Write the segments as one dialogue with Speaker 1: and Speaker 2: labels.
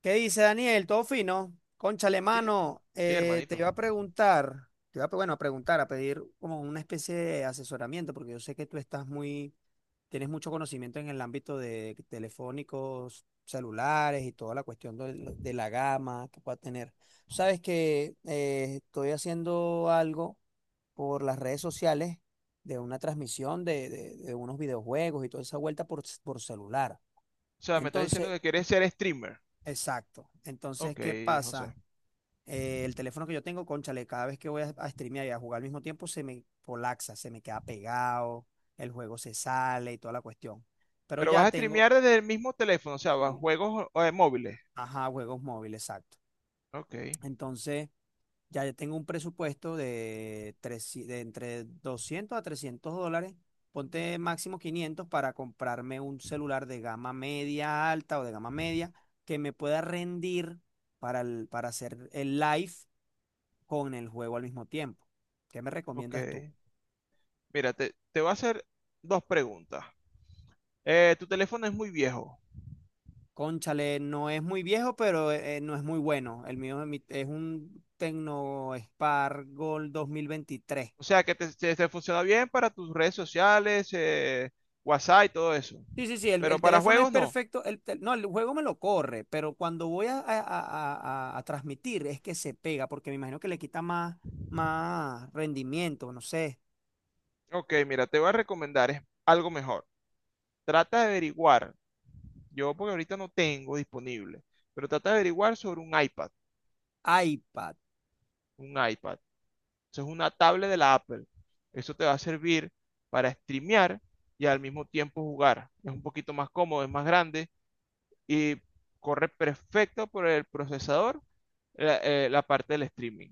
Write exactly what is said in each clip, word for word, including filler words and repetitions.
Speaker 1: ¿Qué dice Daniel? ¿Todo fino? Cónchale,
Speaker 2: Sí,
Speaker 1: mano,
Speaker 2: sí,
Speaker 1: eh, te
Speaker 2: hermanito.
Speaker 1: iba a preguntar, te iba a, pre- bueno, a preguntar, a pedir como una especie de asesoramiento, porque yo sé que tú estás muy, tienes mucho conocimiento en el ámbito de telefónicos, celulares y toda la cuestión del- de, la gama que pueda tener. Tú sabes que eh, estoy haciendo algo por las redes sociales de una transmisión de, de- de unos videojuegos y toda esa vuelta por, por celular.
Speaker 2: O sea, me estás diciendo
Speaker 1: Entonces,
Speaker 2: que quieres ser streamer.
Speaker 1: exacto. Entonces,
Speaker 2: Ok,
Speaker 1: ¿qué
Speaker 2: José.
Speaker 1: pasa? Eh, el teléfono que yo tengo, cónchale, cada vez que voy a, a streamear y a jugar al mismo tiempo, se me colapsa, se me queda pegado, el juego se sale y toda la cuestión. Pero
Speaker 2: Pero vas
Speaker 1: ya
Speaker 2: a
Speaker 1: tengo.
Speaker 2: streamear desde el mismo teléfono, o sea, vas a
Speaker 1: Sí,
Speaker 2: juegos o- eh, móviles.
Speaker 1: ajá, juegos móviles, exacto.
Speaker 2: Ok,
Speaker 1: Entonces, ya yo tengo un presupuesto de, tres, de entre doscientos a trescientos dólares, ponte máximo quinientos para comprarme un celular de gama media alta o de gama media que me pueda rendir para, el- para hacer el live con el juego al mismo tiempo. ¿Qué me
Speaker 2: ok.
Speaker 1: recomiendas tú?
Speaker 2: Mira, te, te voy a hacer dos preguntas. Eh, tu teléfono es muy viejo.
Speaker 1: Cónchale, no es muy viejo, pero eh, no es muy bueno. El mío es mi- es un Tecno Spark Gold dos mil veintitrés.
Speaker 2: O sea, que te, te- te funciona bien para tus redes sociales, eh, WhatsApp y todo eso.
Speaker 1: Sí, sí, sí, el, el
Speaker 2: Pero para
Speaker 1: teléfono es
Speaker 2: juegos no.
Speaker 1: perfecto. El tel- no, el juego me lo corre, pero cuando voy a, a- a- a- a transmitir es que se pega, porque me imagino que le quita más, más rendimiento, no sé.
Speaker 2: Ok, mira, te voy a recomendar es algo mejor. Trata de averiguar. Yo porque ahorita no tengo disponible. Pero trata de averiguar sobre un iPad.
Speaker 1: iPad.
Speaker 2: Un iPad. Eso es una tablet de la Apple. Eso te va a servir para streamear y al mismo tiempo jugar. Es un poquito más cómodo, es más grande y corre perfecto por el procesador la, eh, la parte del streaming.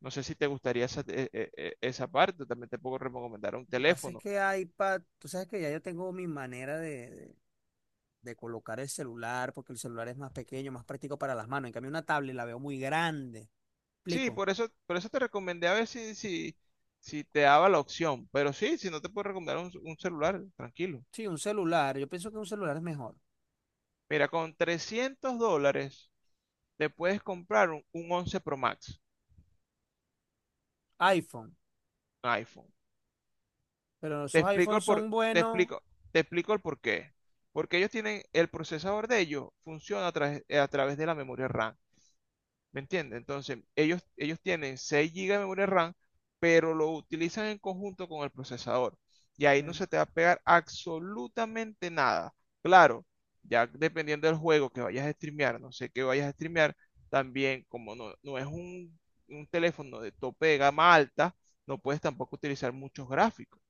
Speaker 2: No sé si te gustaría esa, eh, eh, eh, esa parte, también te puedo recomendar un
Speaker 1: Lo que pasa es
Speaker 2: teléfono.
Speaker 1: que iPad, tú sabes que ya yo tengo mi manera de, de- de colocar el celular, porque el celular es más pequeño, más práctico para las manos. En cambio, una tablet la veo muy grande.
Speaker 2: Sí,
Speaker 1: ¿Explico?
Speaker 2: por eso, por eso te recomendé a ver si, si, si te daba la opción, pero sí, si no te puedo recomendar un, un celular, tranquilo.
Speaker 1: Sí, un celular. Yo pienso que un celular es mejor.
Speaker 2: Mira, con trescientos dólares te puedes comprar un, un once Pro Max.
Speaker 1: iPhone.
Speaker 2: iPhone.
Speaker 1: Pero
Speaker 2: Te
Speaker 1: esos
Speaker 2: explico
Speaker 1: iPhones
Speaker 2: el por,
Speaker 1: son
Speaker 2: te
Speaker 1: buenos.
Speaker 2: explico, Te explico el por qué. Porque ellos tienen, el procesador de ellos funciona a, través- eh, a través de la memoria RAM. ¿Me entiendes? Entonces, ellos, ellos tienen seis gigas de memoria RAM, pero lo utilizan en conjunto con el procesador. Y ahí no
Speaker 1: eh,
Speaker 2: se te va a pegar absolutamente nada. Claro, ya dependiendo del juego que vayas a streamear, no sé qué vayas a streamear, también como no, no es un, un teléfono de tope de gama alta, no puedes tampoco utilizar muchos gráficos,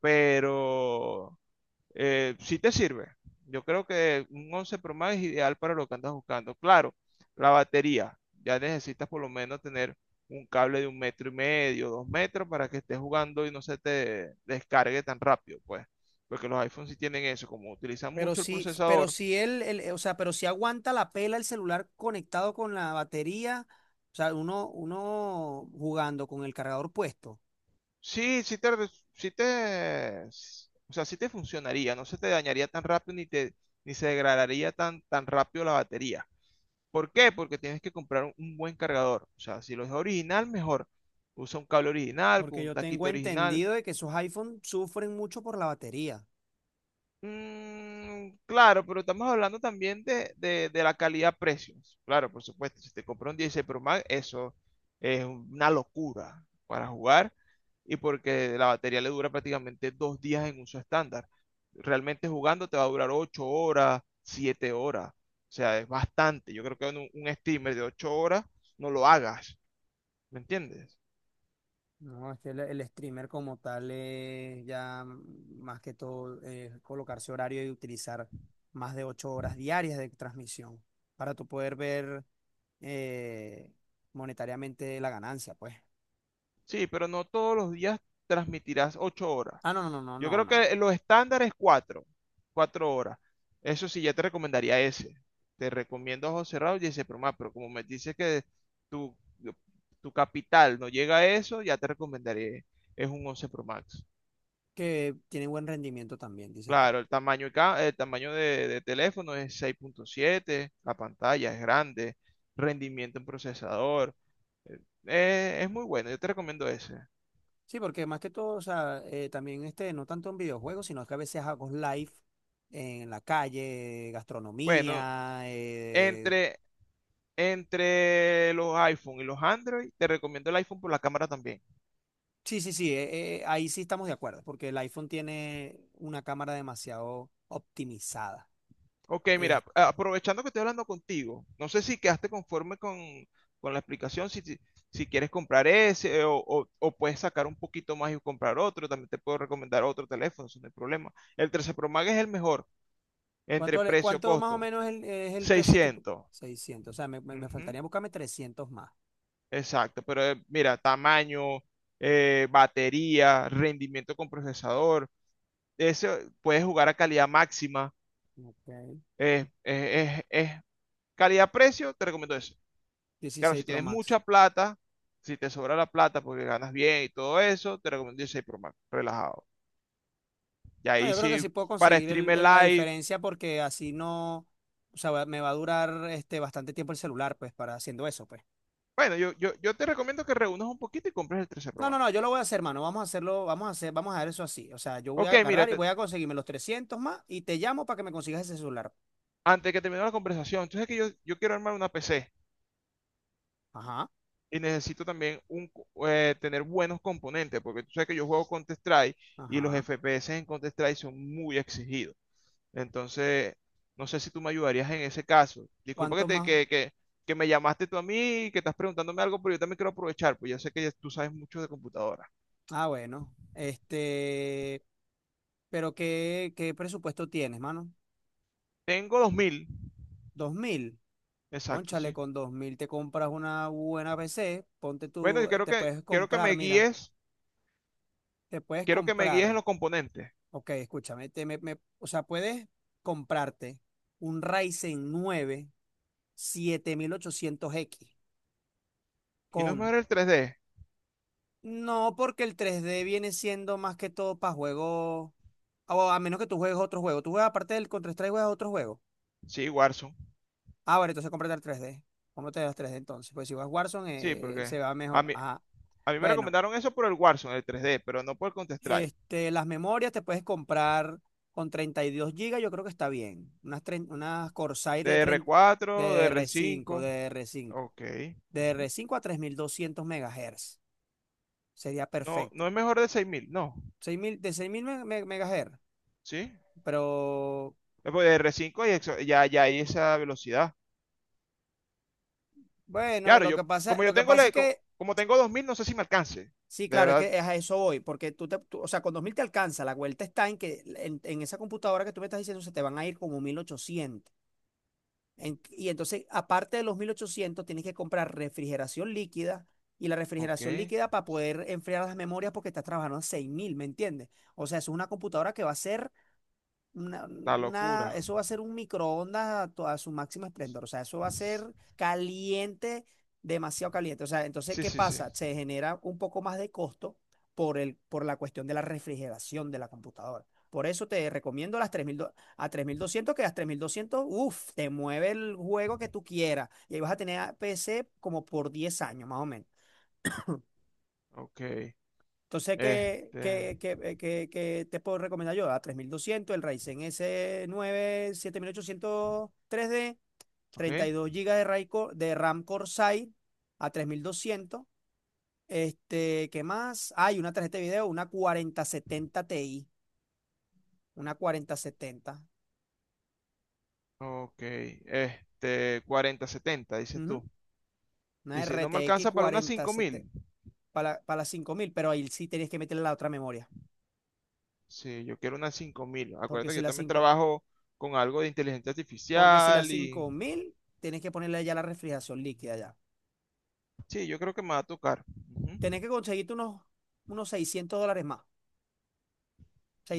Speaker 2: pero eh, sí te sirve. Yo creo que un once Pro Max es ideal para lo que andas buscando. Claro, la batería, ya necesitas por lo menos tener un cable de un metro y medio, dos metros, para que estés jugando y no se te descargue tan rápido, pues. Porque los iPhones sí tienen eso, como utilizan
Speaker 1: Pero
Speaker 2: mucho el
Speaker 1: sí, pero
Speaker 2: procesador.
Speaker 1: si él, el- eh, o sea, pero si aguanta la pela el celular conectado con la batería, o sea, uno, uno jugando con el cargador puesto.
Speaker 2: Sí, sí te, sí te, o sea, sí te funcionaría, no se te dañaría tan rápido, ni te, ni se degradaría tan, tan rápido la batería. ¿Por qué? Porque tienes que comprar un, un buen cargador. O sea, si lo es original, mejor. Usa un cable original, con
Speaker 1: Porque
Speaker 2: un
Speaker 1: yo tengo
Speaker 2: taquito original.
Speaker 1: entendido de que esos iPhones sufren mucho por la batería.
Speaker 2: Mm, claro, pero estamos hablando también de, de- de la calidad-precio. Claro, por supuesto. Si te compras un dieciséis Pro Max, eso es una locura para jugar. Y porque la batería le dura prácticamente dos días en uso estándar. Realmente jugando te va a durar ocho horas, siete horas. O sea, es bastante. Yo creo que un, un streamer de ocho horas no lo hagas. ¿Me entiendes?
Speaker 1: No, es que el, el streamer como tal es ya mm, más que todo eh, colocarse horario y utilizar más de ocho horas diarias de transmisión para tú poder ver eh, monetariamente la ganancia, pues.
Speaker 2: Sí, pero no todos los días transmitirás ocho horas.
Speaker 1: Ah, no, no, no, no,
Speaker 2: Yo
Speaker 1: no.
Speaker 2: creo que
Speaker 1: No.
Speaker 2: los estándares es cuatro, cuatro horas. Eso sí, ya te recomendaría ese. Te recomiendo ojos cerrados y ese programa, pero como me dices que tu, tu capital no llega a eso, ya te recomendaría, es un once Pro Max.
Speaker 1: Que tiene buen rendimiento también, dices tú.
Speaker 2: Claro, el tamaño, y ca- el tamaño de, de teléfono es seis punto siete, la pantalla es grande, rendimiento en procesador, eh, es muy bueno, yo te recomiendo ese.
Speaker 1: Sí, porque más que todo, o sea, eh, también este, no tanto en videojuegos, sino que a veces hago live en la calle,
Speaker 2: Bueno,
Speaker 1: gastronomía, eh,
Speaker 2: Entre, entre los iPhone y los Android, te recomiendo el iPhone por la cámara también.
Speaker 1: Sí, sí, sí, eh, eh, ahí sí estamos de acuerdo, porque el iPhone tiene una cámara demasiado optimizada.
Speaker 2: Ok, mira,
Speaker 1: Este,
Speaker 2: aprovechando que estoy hablando contigo, no sé si quedaste conforme con, con la explicación, si, si, si quieres comprar ese, eh, o, o- o puedes sacar un poquito más y comprar otro, también te puedo recomendar otro teléfono, eso no hay problema. El trece Pro Max es el mejor entre
Speaker 1: ¿cuánto, le- cuánto más o
Speaker 2: precio-costo,
Speaker 1: menos el- es el precio tipo?
Speaker 2: seiscientos.
Speaker 1: Seiscientos, o sea, me, me- me
Speaker 2: Ujú.
Speaker 1: faltaría buscarme trescientos más.
Speaker 2: Exacto, pero eh, mira, tamaño, eh, batería, rendimiento con procesador. Eso, puedes jugar a calidad máxima.
Speaker 1: Ok.
Speaker 2: eh, eh, es- es calidad-precio, te recomiendo eso. Claro,
Speaker 1: Dieciséis
Speaker 2: si
Speaker 1: Pro
Speaker 2: tienes
Speaker 1: Max.
Speaker 2: mucha plata, si te sobra la plata porque ganas bien y todo eso, te recomiendo el Pro Max, relajado. Y
Speaker 1: No,
Speaker 2: ahí
Speaker 1: yo creo que
Speaker 2: sí,
Speaker 1: sí puedo
Speaker 2: para
Speaker 1: conseguir el-
Speaker 2: streamer
Speaker 1: el- la
Speaker 2: live.
Speaker 1: diferencia porque así no, o sea, va- me va a durar este, bastante tiempo el celular, pues, para haciendo eso, pues.
Speaker 2: Bueno, yo, yo, yo te recomiendo que reúnas un poquito y compres el trece Pro
Speaker 1: No, no,
Speaker 2: Max.
Speaker 1: no, yo lo voy a hacer, mano. Vamos a hacerlo, vamos a hacer, vamos a dar eso así. O sea, yo voy a
Speaker 2: Ok, mira,
Speaker 1: agarrar y
Speaker 2: te-
Speaker 1: voy a conseguirme los trescientos más y te llamo para que me consigas ese celular.
Speaker 2: antes de que termine la conversación, entonces es que yo, yo quiero armar una P C
Speaker 1: Ajá,
Speaker 2: y necesito también, un, co- eh, tener buenos componentes, porque tú sabes que yo juego Counter-Strike y los
Speaker 1: ajá.
Speaker 2: F P S en Counter-Strike son muy exigidos. Entonces, no sé si tú me ayudarías en ese caso. Disculpa que,
Speaker 1: ¿Cuánto
Speaker 2: te,
Speaker 1: más?
Speaker 2: que, que, que me llamaste tú a mí y que estás preguntándome algo, pero yo también quiero aprovechar, pues ya sé que ya tú sabes mucho de computadora.
Speaker 1: Ah, bueno. Este, pero ¿qué, qué presupuesto tienes, mano?
Speaker 2: Tengo dos mil.
Speaker 1: Dos mil.
Speaker 2: Exacto,
Speaker 1: Cónchale,
Speaker 2: sí.
Speaker 1: con dos mil te compras una buena P C. Ponte
Speaker 2: Bueno, yo
Speaker 1: tú,
Speaker 2: quiero
Speaker 1: te
Speaker 2: que,
Speaker 1: puedes
Speaker 2: quiero que me
Speaker 1: comprar, mira,
Speaker 2: guíes,
Speaker 1: te puedes
Speaker 2: quiero que me guíes en
Speaker 1: comprar.
Speaker 2: los componentes.
Speaker 1: Ok, escúchame, te, me, me- o sea, puedes comprarte un Ryzen nueve siete mil ochocientos x
Speaker 2: ¿Y no es
Speaker 1: con
Speaker 2: mejor el tres d?
Speaker 1: no, porque el tres d viene siendo más que todo para juegos. O a menos que tú juegues otro juego. Tú juegas aparte del Counter-Strike, juegas otro juego.
Speaker 2: Sí, Warzone.
Speaker 1: Ah, bueno, entonces cómprate el tres d. Cómprate el tres d entonces. Pues si vas Warzone,
Speaker 2: Sí,
Speaker 1: eh, eh, se
Speaker 2: porque
Speaker 1: va
Speaker 2: a
Speaker 1: mejor.
Speaker 2: mí,
Speaker 1: Ajá.
Speaker 2: a mí me
Speaker 1: Bueno,
Speaker 2: recomendaron eso por el Warzone, el tres d, pero no por el Counter-Strike.
Speaker 1: este, las memorias te puedes comprar con treinta y dos gigas, yo creo que está bien. Unas, tren- unas Corsair
Speaker 2: D
Speaker 1: de,
Speaker 2: R
Speaker 1: tren-
Speaker 2: cuatro
Speaker 1: de
Speaker 2: 4
Speaker 1: D D R cinco,
Speaker 2: R cinco.
Speaker 1: DDR5.
Speaker 2: Ok. Ujú.
Speaker 1: DDR5 a tres mil doscientos megahertz sería
Speaker 2: No, no
Speaker 1: perfecto.
Speaker 2: es mejor de seis mil, ¿no?
Speaker 1: Seis mil, de seis mil megahertz.
Speaker 2: ¿Sí?
Speaker 1: Pero
Speaker 2: Después de r cinco hay exo- ya, ya hay esa velocidad.
Speaker 1: bueno,
Speaker 2: Claro,
Speaker 1: lo
Speaker 2: yo,
Speaker 1: que pasa,
Speaker 2: como yo
Speaker 1: lo que
Speaker 2: tengo
Speaker 1: pasa
Speaker 2: la-
Speaker 1: es
Speaker 2: co-
Speaker 1: que
Speaker 2: como tengo dos mil, no sé si me alcance.
Speaker 1: sí,
Speaker 2: De
Speaker 1: claro, es
Speaker 2: verdad.
Speaker 1: que es a eso voy, porque tú te, tú- o sea, con dos mil te alcanza, la vuelta está en que en, en esa computadora que tú me estás diciendo se te van a ir como mil ochocientos. En- y entonces, aparte de los mil ochocientos tienes que comprar refrigeración líquida, y la refrigeración
Speaker 2: Ok.
Speaker 1: líquida para poder enfriar las memorias porque estás trabajando a seis mil, ¿me entiendes? O sea, es una computadora que va a ser una,
Speaker 2: La
Speaker 1: una-
Speaker 2: locura.
Speaker 1: eso va a ser un microondas a, to- a su máximo esplendor. O sea, eso va a ser caliente, demasiado caliente. O sea, entonces,
Speaker 2: Sí,
Speaker 1: ¿qué
Speaker 2: sí, sí.
Speaker 1: pasa? Se genera un poco más de costo por el, por la cuestión de la refrigeración de la computadora. Por eso te recomiendo las tres mil do- a tres mil doscientos, que las tres mil doscientos, uff, te mueve el juego que tú quieras. Y ahí vas a tener a P C como por diez años, más o menos.
Speaker 2: Ok.
Speaker 1: Entonces, ¿qué,
Speaker 2: Este.
Speaker 1: qué- qué- eh, qué- qué te puedo recomendar yo? A tres mil doscientos, el Ryzen s nueve siete mil ochocientos tres d,
Speaker 2: Ok.
Speaker 1: treinta y dos gigas de, RAI co- de RAM Corsair a tres mil doscientos. Este, ¿qué más? Hay una tarjeta de video, una cuarenta setenta Ti, una cuarenta setenta,
Speaker 2: Ok. Este. Cuarenta setenta dices
Speaker 1: ujú,
Speaker 2: tú.
Speaker 1: una
Speaker 2: Y si no me
Speaker 1: R T X
Speaker 2: alcanza para unas cinco
Speaker 1: cuarenta setenta
Speaker 2: mil
Speaker 1: para, para las cinco mil, pero ahí sí tienes que meterle la otra memoria,
Speaker 2: Sí, yo quiero unas cinco mil.
Speaker 1: porque
Speaker 2: Acuérdate que
Speaker 1: si
Speaker 2: yo
Speaker 1: la
Speaker 2: también
Speaker 1: cinco
Speaker 2: trabajo con algo de inteligencia
Speaker 1: porque si la
Speaker 2: artificial y.
Speaker 1: cinco mil tienes que ponerle ya la refrigeración líquida, ya.
Speaker 2: Sí, yo creo que me va a tocar. Ujú.
Speaker 1: Tenés que conseguirte unos, unos seiscientos dólares más.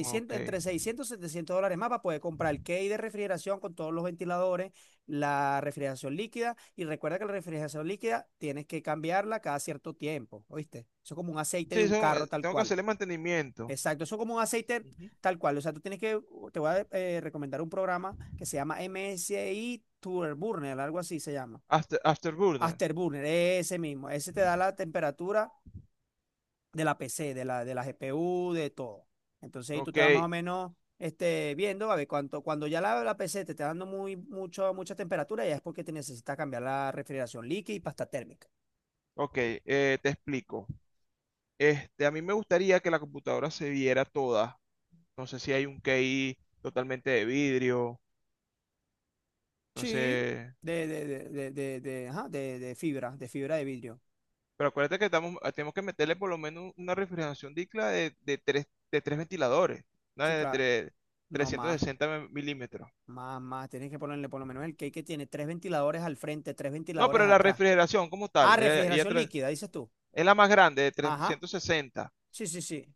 Speaker 2: Ok.
Speaker 1: Entre seiscientos y 700 dólares más para poder comprar el key de refrigeración con todos los ventiladores, la refrigeración líquida. Y recuerda que la refrigeración líquida tienes que cambiarla cada cierto tiempo, ¿oíste? Eso es como un aceite
Speaker 2: Sí,
Speaker 1: de un
Speaker 2: eso,
Speaker 1: carro,
Speaker 2: eh,
Speaker 1: tal
Speaker 2: tengo que
Speaker 1: cual.
Speaker 2: hacerle mantenimiento.
Speaker 1: Exacto, eso es como un aceite
Speaker 2: Ujú.
Speaker 1: tal cual. O sea, tú tienes que, te voy a eh, recomendar un programa que se llama M S I Turburner, algo así se llama.
Speaker 2: After, Afterburner.
Speaker 1: Afterburner, ese mismo. Ese te
Speaker 2: Ujú.
Speaker 1: da la temperatura de la P C, de la, de la G P U, de todo. Entonces ahí tú
Speaker 2: Ok,
Speaker 1: te vas más o menos este, viendo, a ver, cuánto, cuando ya la, la P C te está dando muy, mucho, mucha temperatura, ya es porque te necesitas cambiar la refrigeración líquida y pasta térmica.
Speaker 2: ok, eh, te explico. Este, a mí me gustaría que la computadora se viera toda. No sé si hay un K I totalmente de vidrio, no
Speaker 1: Sí,
Speaker 2: sé.
Speaker 1: de, de, de, de, de, de, ajá, de- de fibra, de fibra de vidrio.
Speaker 2: Pero acuérdate que estamos, ah, tenemos que meterle por lo menos una refrigeración dicla de, de, tres, de tres ventiladores, una
Speaker 1: Sí,
Speaker 2: de
Speaker 1: claro,
Speaker 2: tres-
Speaker 1: no
Speaker 2: trescientos
Speaker 1: más,
Speaker 2: sesenta milímetros.
Speaker 1: más, más. Tienes que ponerle por lo menos el cake que tiene tres ventiladores al frente, tres
Speaker 2: No,
Speaker 1: ventiladores
Speaker 2: pero la
Speaker 1: atrás.
Speaker 2: refrigeración como tal,
Speaker 1: Ah,
Speaker 2: ella, ella
Speaker 1: refrigeración
Speaker 2: tra-
Speaker 1: líquida, dices tú.
Speaker 2: es la más grande de
Speaker 1: Ajá,
Speaker 2: trescientos sesenta.
Speaker 1: sí, sí, sí.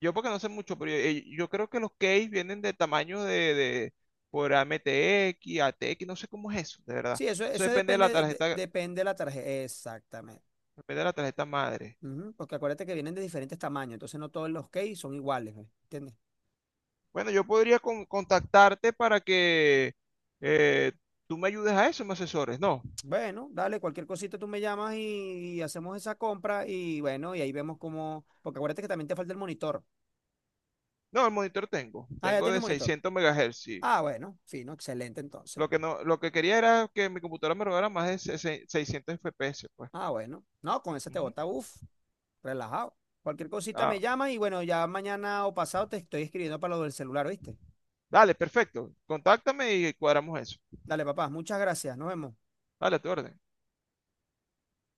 Speaker 2: Yo porque no sé mucho, pero yo, eh, yo creo que los keys vienen de tamaño de, de por A, A, M, T, X, A T, X, no sé cómo es eso, de verdad.
Speaker 1: Sí, eso,
Speaker 2: Eso
Speaker 1: eso
Speaker 2: depende de la
Speaker 1: depende, de-
Speaker 2: tarjeta,
Speaker 1: depende de la tarjeta. Exactamente.
Speaker 2: depende de la tarjeta madre.
Speaker 1: Ujú. Porque acuérdate que vienen de diferentes tamaños, entonces no todos los cakes son iguales, ¿eh? ¿Entiendes?
Speaker 2: Bueno, yo podría con- contactarte para que, eh, tú me ayudes a eso, me asesores. No,
Speaker 1: Bueno, dale, cualquier cosita tú me llamas y, y hacemos esa compra y bueno, y ahí vemos cómo, porque acuérdate que también te falta el monitor.
Speaker 2: no, el monitor tengo,
Speaker 1: Ah, ya
Speaker 2: tengo,
Speaker 1: tienes
Speaker 2: de
Speaker 1: monitor.
Speaker 2: seiscientos megahertz, sí.
Speaker 1: Ah, bueno, fino, excelente entonces.
Speaker 2: Lo que no, lo que quería era que mi computadora me robara más de se- se- seiscientos F P S, pues.
Speaker 1: Ah, bueno, no, con esa te
Speaker 2: Ujú.
Speaker 1: bota, uff, relajado. Cualquier cosita me
Speaker 2: Ah,
Speaker 1: llamas y bueno, ya mañana o pasado te estoy escribiendo para lo del celular, ¿viste?
Speaker 2: dale, perfecto. Contáctame y cuadramos eso.
Speaker 1: Dale, papá, muchas gracias, nos vemos.
Speaker 2: Dale, a tu orden.